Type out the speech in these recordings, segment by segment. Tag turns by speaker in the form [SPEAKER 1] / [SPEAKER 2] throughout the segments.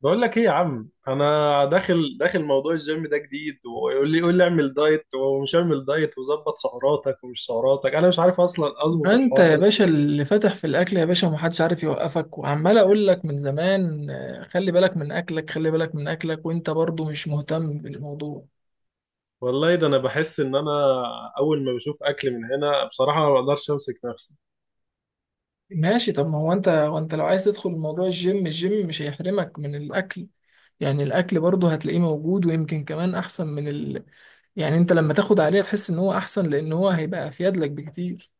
[SPEAKER 1] بقول لك ايه يا عم، انا داخل موضوع الجيم ده جديد. ويقول لي اعمل دايت ومش اعمل دايت، وظبط سعراتك ومش سعراتك. انا مش عارف اصلا اظبط
[SPEAKER 2] ما انت
[SPEAKER 1] الحوار
[SPEAKER 2] يا
[SPEAKER 1] ده.
[SPEAKER 2] باشا اللي فاتح في الاكل يا باشا ومحدش عارف يوقفك وعمال اقول لك من زمان، خلي بالك من اكلك. وانت برضو مش مهتم بالموضوع.
[SPEAKER 1] والله ده انا بحس ان انا اول ما بشوف اكل من هنا بصراحة ما بقدرش امسك نفسي.
[SPEAKER 2] ماشي. طب ما هو انت، وانت لو عايز تدخل موضوع الجيم، الجيم مش هيحرمك من الاكل. يعني الاكل برضو هتلاقيه موجود، ويمكن كمان احسن من ال... يعني انت لما تاخد عليه تحس ان هو احسن، لان هو هيبقى افيد لك بكتير.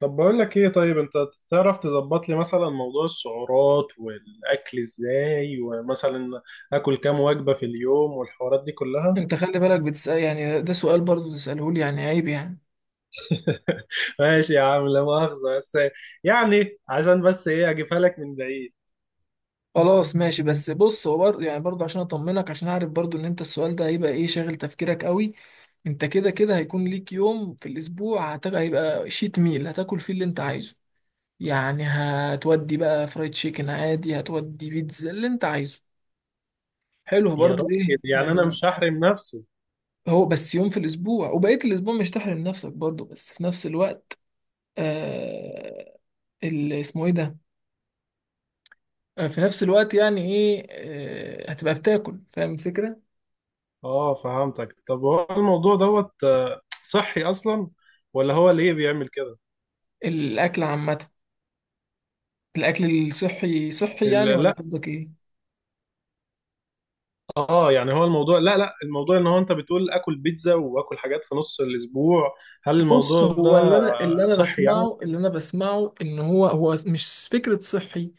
[SPEAKER 1] طب بقول لك ايه، طيب انت تعرف تظبط لي مثلا موضوع السعرات والاكل ازاي، ومثلا اكل كام وجبة في اليوم والحوارات دي كلها؟
[SPEAKER 2] انت خلي بالك بتسأل، يعني ده سؤال برضو تسأله لي؟ يعني عيب يعني.
[SPEAKER 1] ماشي يا عم، لا مؤاخذة، بس يعني عشان بس ايه اجيبها لك من بعيد.
[SPEAKER 2] خلاص ماشي، بس بص، هو يعني برضه عشان اطمنك، عشان اعرف برضه ان انت السؤال ده هيبقى ايه، شاغل تفكيرك قوي. انت كده كده هيكون ليك يوم في الاسبوع هيبقى شيت ميل، هتاكل فيه اللي انت عايزه. يعني هتودي بقى فرايد تشيكن عادي، هتودي بيتزا اللي انت عايزه. حلو
[SPEAKER 1] يا
[SPEAKER 2] برضه،
[SPEAKER 1] راجل،
[SPEAKER 2] ايه
[SPEAKER 1] يعني انا
[SPEAKER 2] يعني.
[SPEAKER 1] مش هحرم نفسي.
[SPEAKER 2] هو بس يوم في الاسبوع، وبقية الاسبوع مش تحرم نفسك برضه، بس في نفس الوقت آه... اللي اسمه ايه ده، في نفس الوقت يعني ايه، هتبقى بتاكل، فاهم الفكرة.
[SPEAKER 1] اه، فهمتك. طب هو الموضوع دوت صحي اصلا، ولا هو ليه بيعمل كده؟
[SPEAKER 2] الاكل عامة، الاكل الصحي صحي يعني، ولا
[SPEAKER 1] لا.
[SPEAKER 2] قصدك ايه؟
[SPEAKER 1] اه يعني هو الموضوع، لا لا، الموضوع ان هو انت بتقول اكل بيتزا واكل حاجات في نص الاسبوع. هل
[SPEAKER 2] بص،
[SPEAKER 1] الموضوع ده
[SPEAKER 2] هو اللي انا
[SPEAKER 1] صحي يعني؟
[SPEAKER 2] بسمعه، ان هو مش فكره صحي،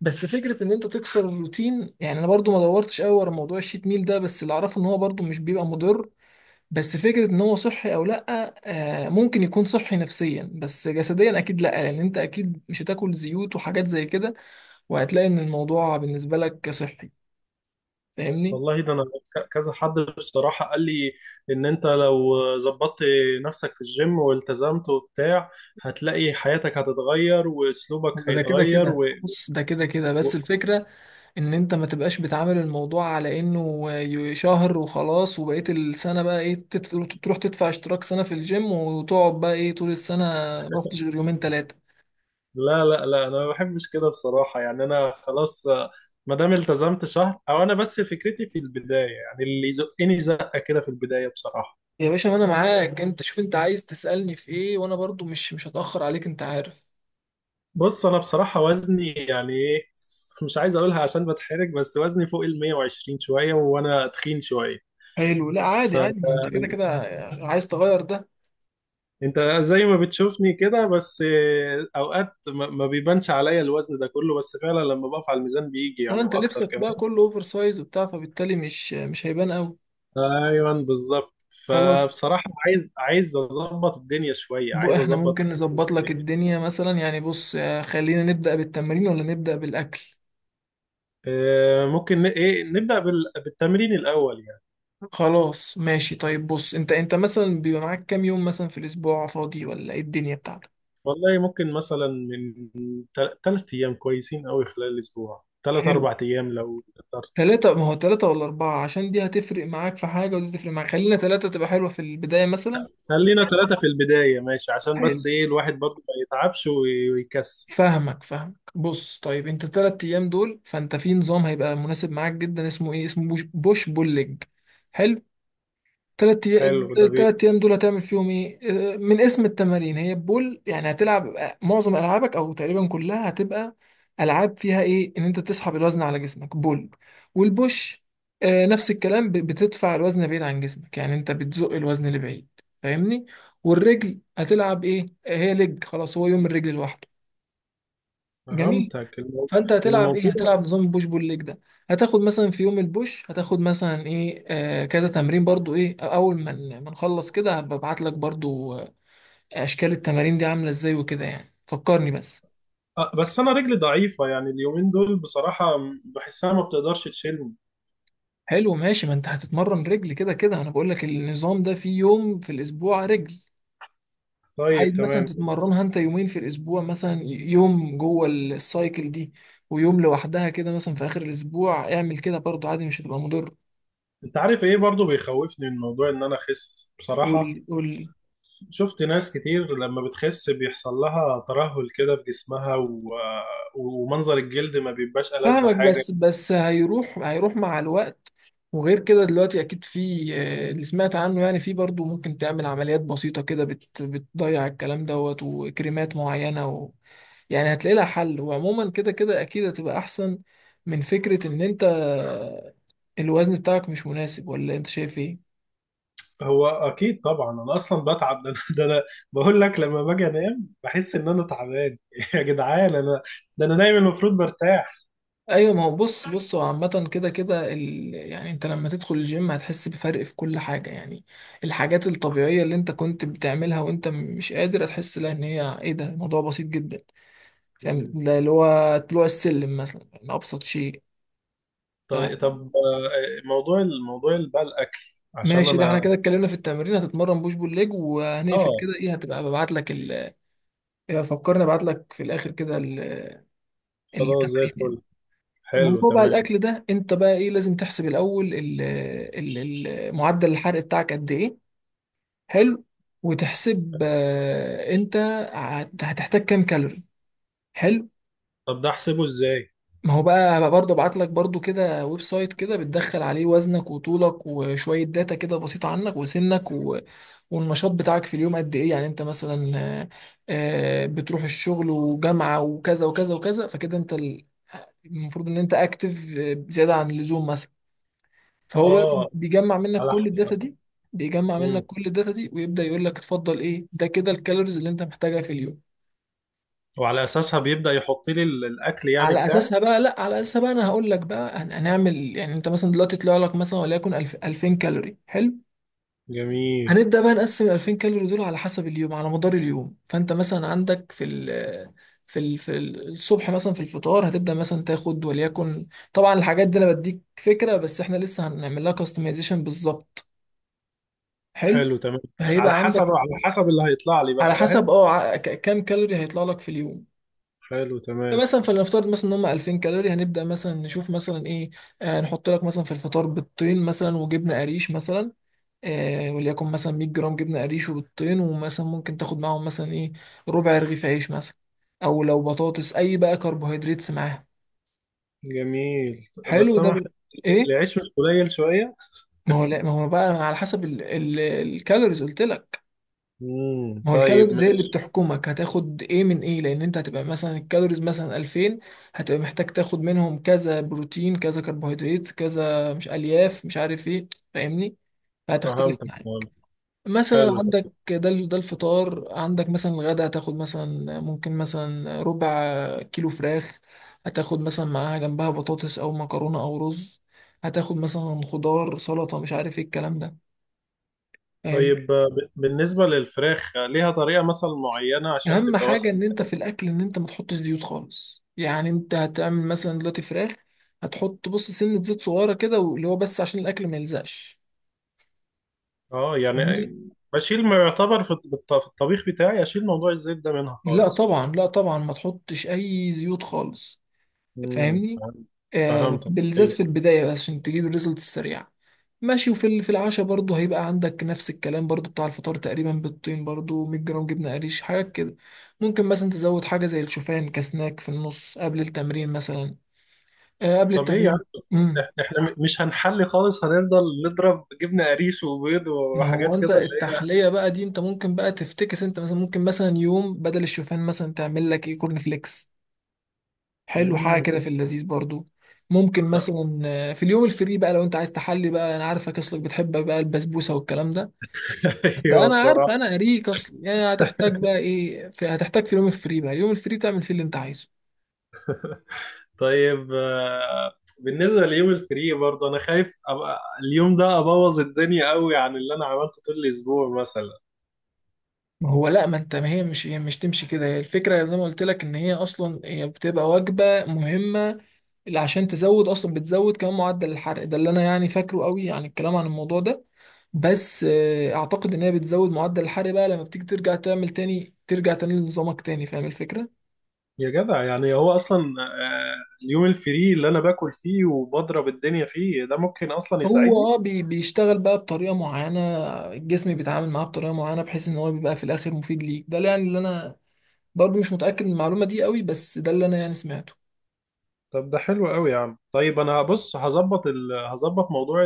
[SPEAKER 2] بس فكره ان انت تكسر الروتين. يعني انا برضو ما دورتش قوي ورا موضوع الشيت ميل ده، بس اللي اعرفه ان هو برضو مش بيبقى مضر. بس فكره ان هو صحي او لا، آه ممكن يكون صحي نفسيا، بس جسديا اكيد لا، لان انت اكيد مش هتاكل زيوت وحاجات زي كده، وهتلاقي ان الموضوع بالنسبه لك صحي. فاهمني؟
[SPEAKER 1] والله ده انا كذا حد بصراحة قال لي ان انت لو ظبطت نفسك في الجيم والتزمت وبتاع، هتلاقي حياتك هتتغير
[SPEAKER 2] هو
[SPEAKER 1] واسلوبك
[SPEAKER 2] ده كده
[SPEAKER 1] هيتغير
[SPEAKER 2] كده. بص، ده كده كده،
[SPEAKER 1] و...
[SPEAKER 2] بس الفكرة ان انت ما تبقاش بتعامل الموضوع على انه شهر وخلاص، وبقية السنة بقى ايه، تدفع، تروح تدفع اشتراك سنة في الجيم وتقعد بقى ايه طول السنة ما رحتش غير يومين تلاتة.
[SPEAKER 1] لا لا لا، انا ما بحبش كده بصراحة. يعني انا خلاص، ما دام التزمت شهر، او انا بس فكرتي في البداية، يعني اللي يزقني زقة كده في البداية بصراحة.
[SPEAKER 2] يا باشا ما انا معاك، انت شوف انت عايز تسألني في ايه، وانا برضو مش هتأخر عليك، انت عارف.
[SPEAKER 1] بص، انا بصراحة وزني يعني ايه، مش عايز اقولها عشان بتحرج، بس وزني فوق ال 120 شوية، وانا تخين شوية.
[SPEAKER 2] حلو، لا عادي
[SPEAKER 1] فانت
[SPEAKER 2] عادي، ما انت كده كده عايز تغير ده.
[SPEAKER 1] زي ما بتشوفني كده. بس اوقات ما بيبانش عليا الوزن ده كله، بس فعلا لما بقف على الميزان بيجي يعني
[SPEAKER 2] وانت
[SPEAKER 1] واكتر.
[SPEAKER 2] لبسك بقى كله اوفر سايز وبتاع، فبالتالي مش هيبان قوي.
[SPEAKER 1] ايوه بالظبط.
[SPEAKER 2] خلاص،
[SPEAKER 1] فبصراحة عايز اظبط الدنيا شوية، عايز
[SPEAKER 2] احنا
[SPEAKER 1] اظبط
[SPEAKER 2] ممكن
[SPEAKER 1] جسمي
[SPEAKER 2] نظبط لك
[SPEAKER 1] شوية.
[SPEAKER 2] الدنيا مثلا. يعني بص، خلينا نبدأ بالتمرين ولا نبدأ بالأكل؟
[SPEAKER 1] ممكن ايه، نبدأ بالتمرين الاول يعني.
[SPEAKER 2] خلاص ماشي. طيب بص، انت مثلا بيبقى معاك كام يوم مثلا في الأسبوع فاضي، ولا ايه الدنيا بتاعتك؟
[SPEAKER 1] والله ممكن مثلا من 3 ايام كويسين قوي خلال الاسبوع، ثلاث
[SPEAKER 2] حلو،
[SPEAKER 1] اربع ايام لو قدرت.
[SPEAKER 2] تلاتة. ما هو تلاتة ولا أربعة، عشان دي هتفرق معاك في حاجة ودي تفرق معاك. خلينا تلاتة تبقى حلوة في البداية مثلا.
[SPEAKER 1] خلينا 3 في البداية ماشي، عشان
[SPEAKER 2] حلو.
[SPEAKER 1] بس ايه الواحد برضه ما يتعبش ويكسل.
[SPEAKER 2] فاهمك. بص طيب، انت تلات أيام دول فانت في نظام هيبقى مناسب معاك جدا، اسمه ايه، اسمه بوش, بوش بول ليج. حلو، تلات أيام،
[SPEAKER 1] حلو ده بيه.
[SPEAKER 2] دول هتعمل فيهم إيه؟ من اسم التمارين، هي بول، يعني هتلعب معظم ألعابك أو تقريبا كلها هتبقى ألعاب فيها إيه؟ إن أنت بتسحب الوزن على جسمك، بول. والبوش، نفس الكلام، بتدفع الوزن بعيد عن جسمك، يعني أنت بتزق الوزن لبعيد. فاهمني؟ والرجل هتلعب إيه؟ هي لج، خلاص هو يوم الرجل لوحده. جميل.
[SPEAKER 1] فهمتك.
[SPEAKER 2] فانت هتلعب ايه،
[SPEAKER 1] الموضوع،
[SPEAKER 2] هتلعب نظام بوش بول ليج ده. هتاخد مثلا في يوم البوش، هتاخد مثلا ايه، آه كذا تمرين. برضو ايه، اول ما نخلص كده هبعت لك برضو، اشكال التمارين دي عامله ازاي وكده يعني. فكرني بس.
[SPEAKER 1] بس انا رجلي ضعيفة، يعني اليومين دول بصراحة بحسها ما بتقدرش تشيلني.
[SPEAKER 2] حلو ماشي، ما انت هتتمرن رجل كده كده، انا بقول لك النظام ده فيه يوم في الاسبوع رجل.
[SPEAKER 1] طيب
[SPEAKER 2] عايز مثلا
[SPEAKER 1] تمام.
[SPEAKER 2] تتمرنها انت يومين في الاسبوع، مثلا يوم جوه السايكل دي ويوم لوحدها كده مثلا في اخر الاسبوع، اعمل كده برضو عادي، مش هتبقى مضر.
[SPEAKER 1] انت عارف ايه برضو بيخوفني من موضوع ان انا اخس بصراحة؟
[SPEAKER 2] قول قول.
[SPEAKER 1] شفت ناس كتير لما بتخس بيحصل لها ترهل كده في جسمها ومنظر الجلد ما بيبقاش ألذ
[SPEAKER 2] فاهمك،
[SPEAKER 1] حاجة.
[SPEAKER 2] بس هيروح، مع الوقت. وغير كده دلوقتي اكيد في، اللي سمعت عنه يعني، في برضو ممكن تعمل عمليات بسيطة كده بت بتضيع الكلام دوت، وكريمات معينة، و... يعني هتلاقي لها حل. وعموما كده كده اكيد هتبقى احسن من فكرة ان انت الوزن بتاعك مش مناسب، ولا انت شايف ايه؟
[SPEAKER 1] هو اكيد طبعا، انا اصلا بتعب. ده انا ده انا بقول لك لما باجي انام بحس ان انا تعبان. يا جدعان، انا ده انا نايم المفروض برتاح.
[SPEAKER 2] ايوه ما هو، بص هو عامة كده كده ال... يعني انت لما تدخل الجيم هتحس بفرق في كل حاجة. يعني الحاجات الطبيعية اللي انت كنت بتعملها وانت مش قادر، هتحس لها ان هي ايه، ده الموضوع بسيط جدا. فاهم؟
[SPEAKER 1] مم.
[SPEAKER 2] ده اللي هو طلوع السلم مثلا، يعني ابسط شيء.
[SPEAKER 1] طيب الموضوع اللي بقى الاكل، عشان
[SPEAKER 2] فماشي، ده احنا
[SPEAKER 1] انا.
[SPEAKER 2] كده اتكلمنا في التمرين، هتتمرن بوش بول ليج، وهنقفل
[SPEAKER 1] اه.
[SPEAKER 2] كده. ايه، هتبقى ببعت لك ال... يبقى فكرني ابعت لك في الاخر كده ال...
[SPEAKER 1] خلاص، زي
[SPEAKER 2] التمرين يعني.
[SPEAKER 1] الفل. حلو
[SPEAKER 2] الموضوع بقى
[SPEAKER 1] تمام.
[SPEAKER 2] الاكل ده، انت بقى ايه، لازم تحسب الاول ال... ال... معدل الحرق بتاعك قد ايه. حلو. وتحسب، انت هتحتاج كام كالوري. حلو.
[SPEAKER 1] طب ده احسبه ازاي؟
[SPEAKER 2] ما هو بقى، برضه ابعت لك برضه كده ويب سايت، كده بتدخل عليه وزنك وطولك وشويه داتا كده بسيطه عنك وسنك و... والنشاط بتاعك في اليوم قد ايه، يعني انت مثلا بتروح الشغل وجامعه وكذا وكذا وكذا، فكده انت المفروض ان انت اكتف زياده عن اللزوم مثلا. فهو بقى
[SPEAKER 1] اه،
[SPEAKER 2] بيجمع منك
[SPEAKER 1] على
[SPEAKER 2] كل الداتا
[SPEAKER 1] حسب.
[SPEAKER 2] دي،
[SPEAKER 1] مم.
[SPEAKER 2] ويبدأ يقول لك اتفضل ايه، ده كده الكالوريز اللي انت محتاجها في اليوم.
[SPEAKER 1] وعلى اساسها بيبدأ يحط لي الاكل يعني
[SPEAKER 2] على
[SPEAKER 1] بتاعي.
[SPEAKER 2] اساسها بقى، لا، على اساسها بقى انا هقول لك بقى، هنعمل يعني. انت مثلا دلوقتي طلع لك مثلا، وليكن 1000 2000 كالوري، حلو.
[SPEAKER 1] جميل.
[SPEAKER 2] هنبدا بقى نقسم ال 2000 كالوري دول على حسب اليوم، على مدار اليوم. فانت مثلا عندك في الصبح مثلا، في الفطار هتبدا مثلا تاخد، وليكن، طبعا الحاجات دي انا بديك فكره، بس احنا لسه هنعمل لها كاستمايزيشن بالظبط. حلو.
[SPEAKER 1] حلو تمام.
[SPEAKER 2] فهيبقى
[SPEAKER 1] على حسب
[SPEAKER 2] عندك
[SPEAKER 1] على حسب اللي هيطلع لي بقى،
[SPEAKER 2] على حسب،
[SPEAKER 1] فاهم؟
[SPEAKER 2] اه، كام كالوري هيطلع لك في اليوم.
[SPEAKER 1] حلو تمام.
[SPEAKER 2] فمثلا فلنفترض مثلا ان هم 2000 كالوري، هنبدا مثلا نشوف مثلا ايه، آه نحط لك مثلا في الفطار بيضتين مثلا، وجبنه قريش مثلا، آه وليكن مثلا 100 جرام جبنه قريش وبيضتين. ومثلا ممكن تاخد معاهم مثلا ايه، ربع رغيف عيش مثلا، او لو بطاطس، اي بقى كربوهيدراتس معاها.
[SPEAKER 1] جميل.
[SPEAKER 2] حلو
[SPEAKER 1] بس
[SPEAKER 2] ده
[SPEAKER 1] انا
[SPEAKER 2] بن... ايه،
[SPEAKER 1] العيش مش قليل شوية؟
[SPEAKER 2] ما هو لا، ما هو بقى على حسب ال... ال... الكالوريز قلت لك. ما هو
[SPEAKER 1] طيب
[SPEAKER 2] الكالوريز هي اللي
[SPEAKER 1] ماشي.
[SPEAKER 2] بتحكمك هتاخد ايه من ايه. لان انت هتبقى مثلا الكالوريز مثلا 2000، هتبقى محتاج تاخد منهم كذا بروتين، كذا كربوهيدرات، كذا مش الياف، مش عارف ايه. فاهمني؟ فهتختلف
[SPEAKER 1] فهمتك،
[SPEAKER 2] معاك.
[SPEAKER 1] فهمت.
[SPEAKER 2] مثلا
[SPEAKER 1] حلو.
[SPEAKER 2] عندك ده ده الفطار. عندك مثلا الغدا هتاخد مثلا، ممكن مثلا ربع كيلو فراخ، هتاخد مثلا معاها جنبها بطاطس او مكرونة او رز، هتاخد مثلا خضار سلطة مش عارف ايه الكلام ده. فاهمني؟
[SPEAKER 1] طيب، بالنسبة للفراخ ليها طريقة مثلا معينة عشان
[SPEAKER 2] اهم
[SPEAKER 1] تبقى
[SPEAKER 2] حاجه
[SPEAKER 1] مثلا.
[SPEAKER 2] ان انت في الاكل، ان انت ما تحطش زيوت خالص. يعني انت هتعمل مثلا دلوقتي فراخ، هتحط بص سنه زيت صغيره كده، واللي هو بس عشان الاكل ما يلزقش.
[SPEAKER 1] اه يعني
[SPEAKER 2] فاهمني؟
[SPEAKER 1] بشيل، ما يعتبر في في الطبيخ بتاعي اشيل موضوع الزيت ده منها
[SPEAKER 2] لا
[SPEAKER 1] خالص.
[SPEAKER 2] طبعا، لا طبعا ما تحطش اي زيوت خالص. فاهمني؟
[SPEAKER 1] فهمت.
[SPEAKER 2] آه
[SPEAKER 1] فهمتك،
[SPEAKER 2] بالذات في
[SPEAKER 1] ايوه.
[SPEAKER 2] البدايه، بس عشان تجيب الريزلت السريع. ماشي، وفي ال- في العشاء برضه هيبقى عندك نفس الكلام برضه بتاع الفطار تقريبا، بالطين برضه 100 جرام جبنه قريش، حاجات كده. ممكن مثلا تزود حاجه زي الشوفان كسناك في النص قبل التمرين مثلا، قبل
[SPEAKER 1] طب ايه يا عم،
[SPEAKER 2] التمرين. امم
[SPEAKER 1] احنا مش هنحلي خالص، هنفضل نضرب جبنه قريش وبيض
[SPEAKER 2] ما هو
[SPEAKER 1] وحاجات
[SPEAKER 2] انت
[SPEAKER 1] كده اللي هي
[SPEAKER 2] التحليه بقى دي انت ممكن بقى تفتكس. انت مثلا ممكن مثلا يوم بدل الشوفان مثلا تعمل لك ايه، كورن فليكس. حلو حاجه
[SPEAKER 1] امم
[SPEAKER 2] كده في اللذيذ برضو. ممكن مثلا في اليوم الفري بقى، لو انت عايز تحلي بقى، انا عارفك اصلك بتحب بقى البسبوسه والكلام ده.
[SPEAKER 1] ايوه
[SPEAKER 2] فانا عارف،
[SPEAKER 1] بصراحه.
[SPEAKER 2] انا قريك اصلا يعني. هتحتاج بقى ايه في، هتحتاج في اليوم الفري بقى، اليوم الفري تعمل فيه اللي انت عايزه.
[SPEAKER 1] طيب، بالنسبه ليوم الفري برضه، انا خايف ابقى اليوم ده ابوظ الدنيا قوي عن اللي انا عملته طول الاسبوع مثلا.
[SPEAKER 2] ما هو لا، ما انت، ما هي مش، هي مش تمشي كده. هي الفكره زي ما قلت لك ان هي اصلا هي بتبقى وجبه مهمه، اللي عشان تزود اصلا، بتزود كمان معدل الحرق ده اللي انا يعني فاكره قوي يعني الكلام عن الموضوع ده. بس اعتقد ان هي بتزود معدل الحرق بقى، لما بتيجي ترجع تعمل تاني، ترجع تاني لنظامك تاني. فاهم الفكرة؟
[SPEAKER 1] يا جدع، يعني هو اصلا اليوم الفري اللي انا باكل فيه وبضرب الدنيا فيه ده ممكن اصلا يساعدني.
[SPEAKER 2] هو اه بيشتغل بقى بطريقة معينة، الجسم بيتعامل معاه بطريقة معينة، بحيث ان هو بيبقى في الاخر مفيد ليك. ده يعني اللي انا برضو مش متأكد من المعلومة دي قوي، بس ده اللي انا يعني سمعته.
[SPEAKER 1] طب ده حلو قوي يا عم. طيب انا هبص، هظبط هظبط موضوع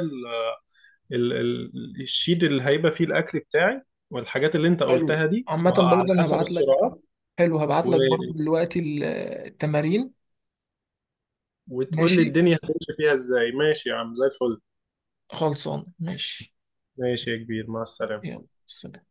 [SPEAKER 1] الشيت اللي هيبقى فيه الاكل بتاعي، والحاجات اللي انت
[SPEAKER 2] حلو،
[SPEAKER 1] قلتها دي،
[SPEAKER 2] عامة
[SPEAKER 1] وعلى
[SPEAKER 2] برضو انا
[SPEAKER 1] حسب
[SPEAKER 2] هبعت لك،
[SPEAKER 1] السرعات
[SPEAKER 2] حلو هبعت
[SPEAKER 1] و...
[SPEAKER 2] لك برضو دلوقتي التمارين.
[SPEAKER 1] وتقول لي
[SPEAKER 2] ماشي،
[SPEAKER 1] الدنيا هتمشي فيها ازاي. ماشي يا عم، زي الفل.
[SPEAKER 2] خلصان ماشي.
[SPEAKER 1] ماشي يا كبير، مع السلامة.
[SPEAKER 2] يلا سلام.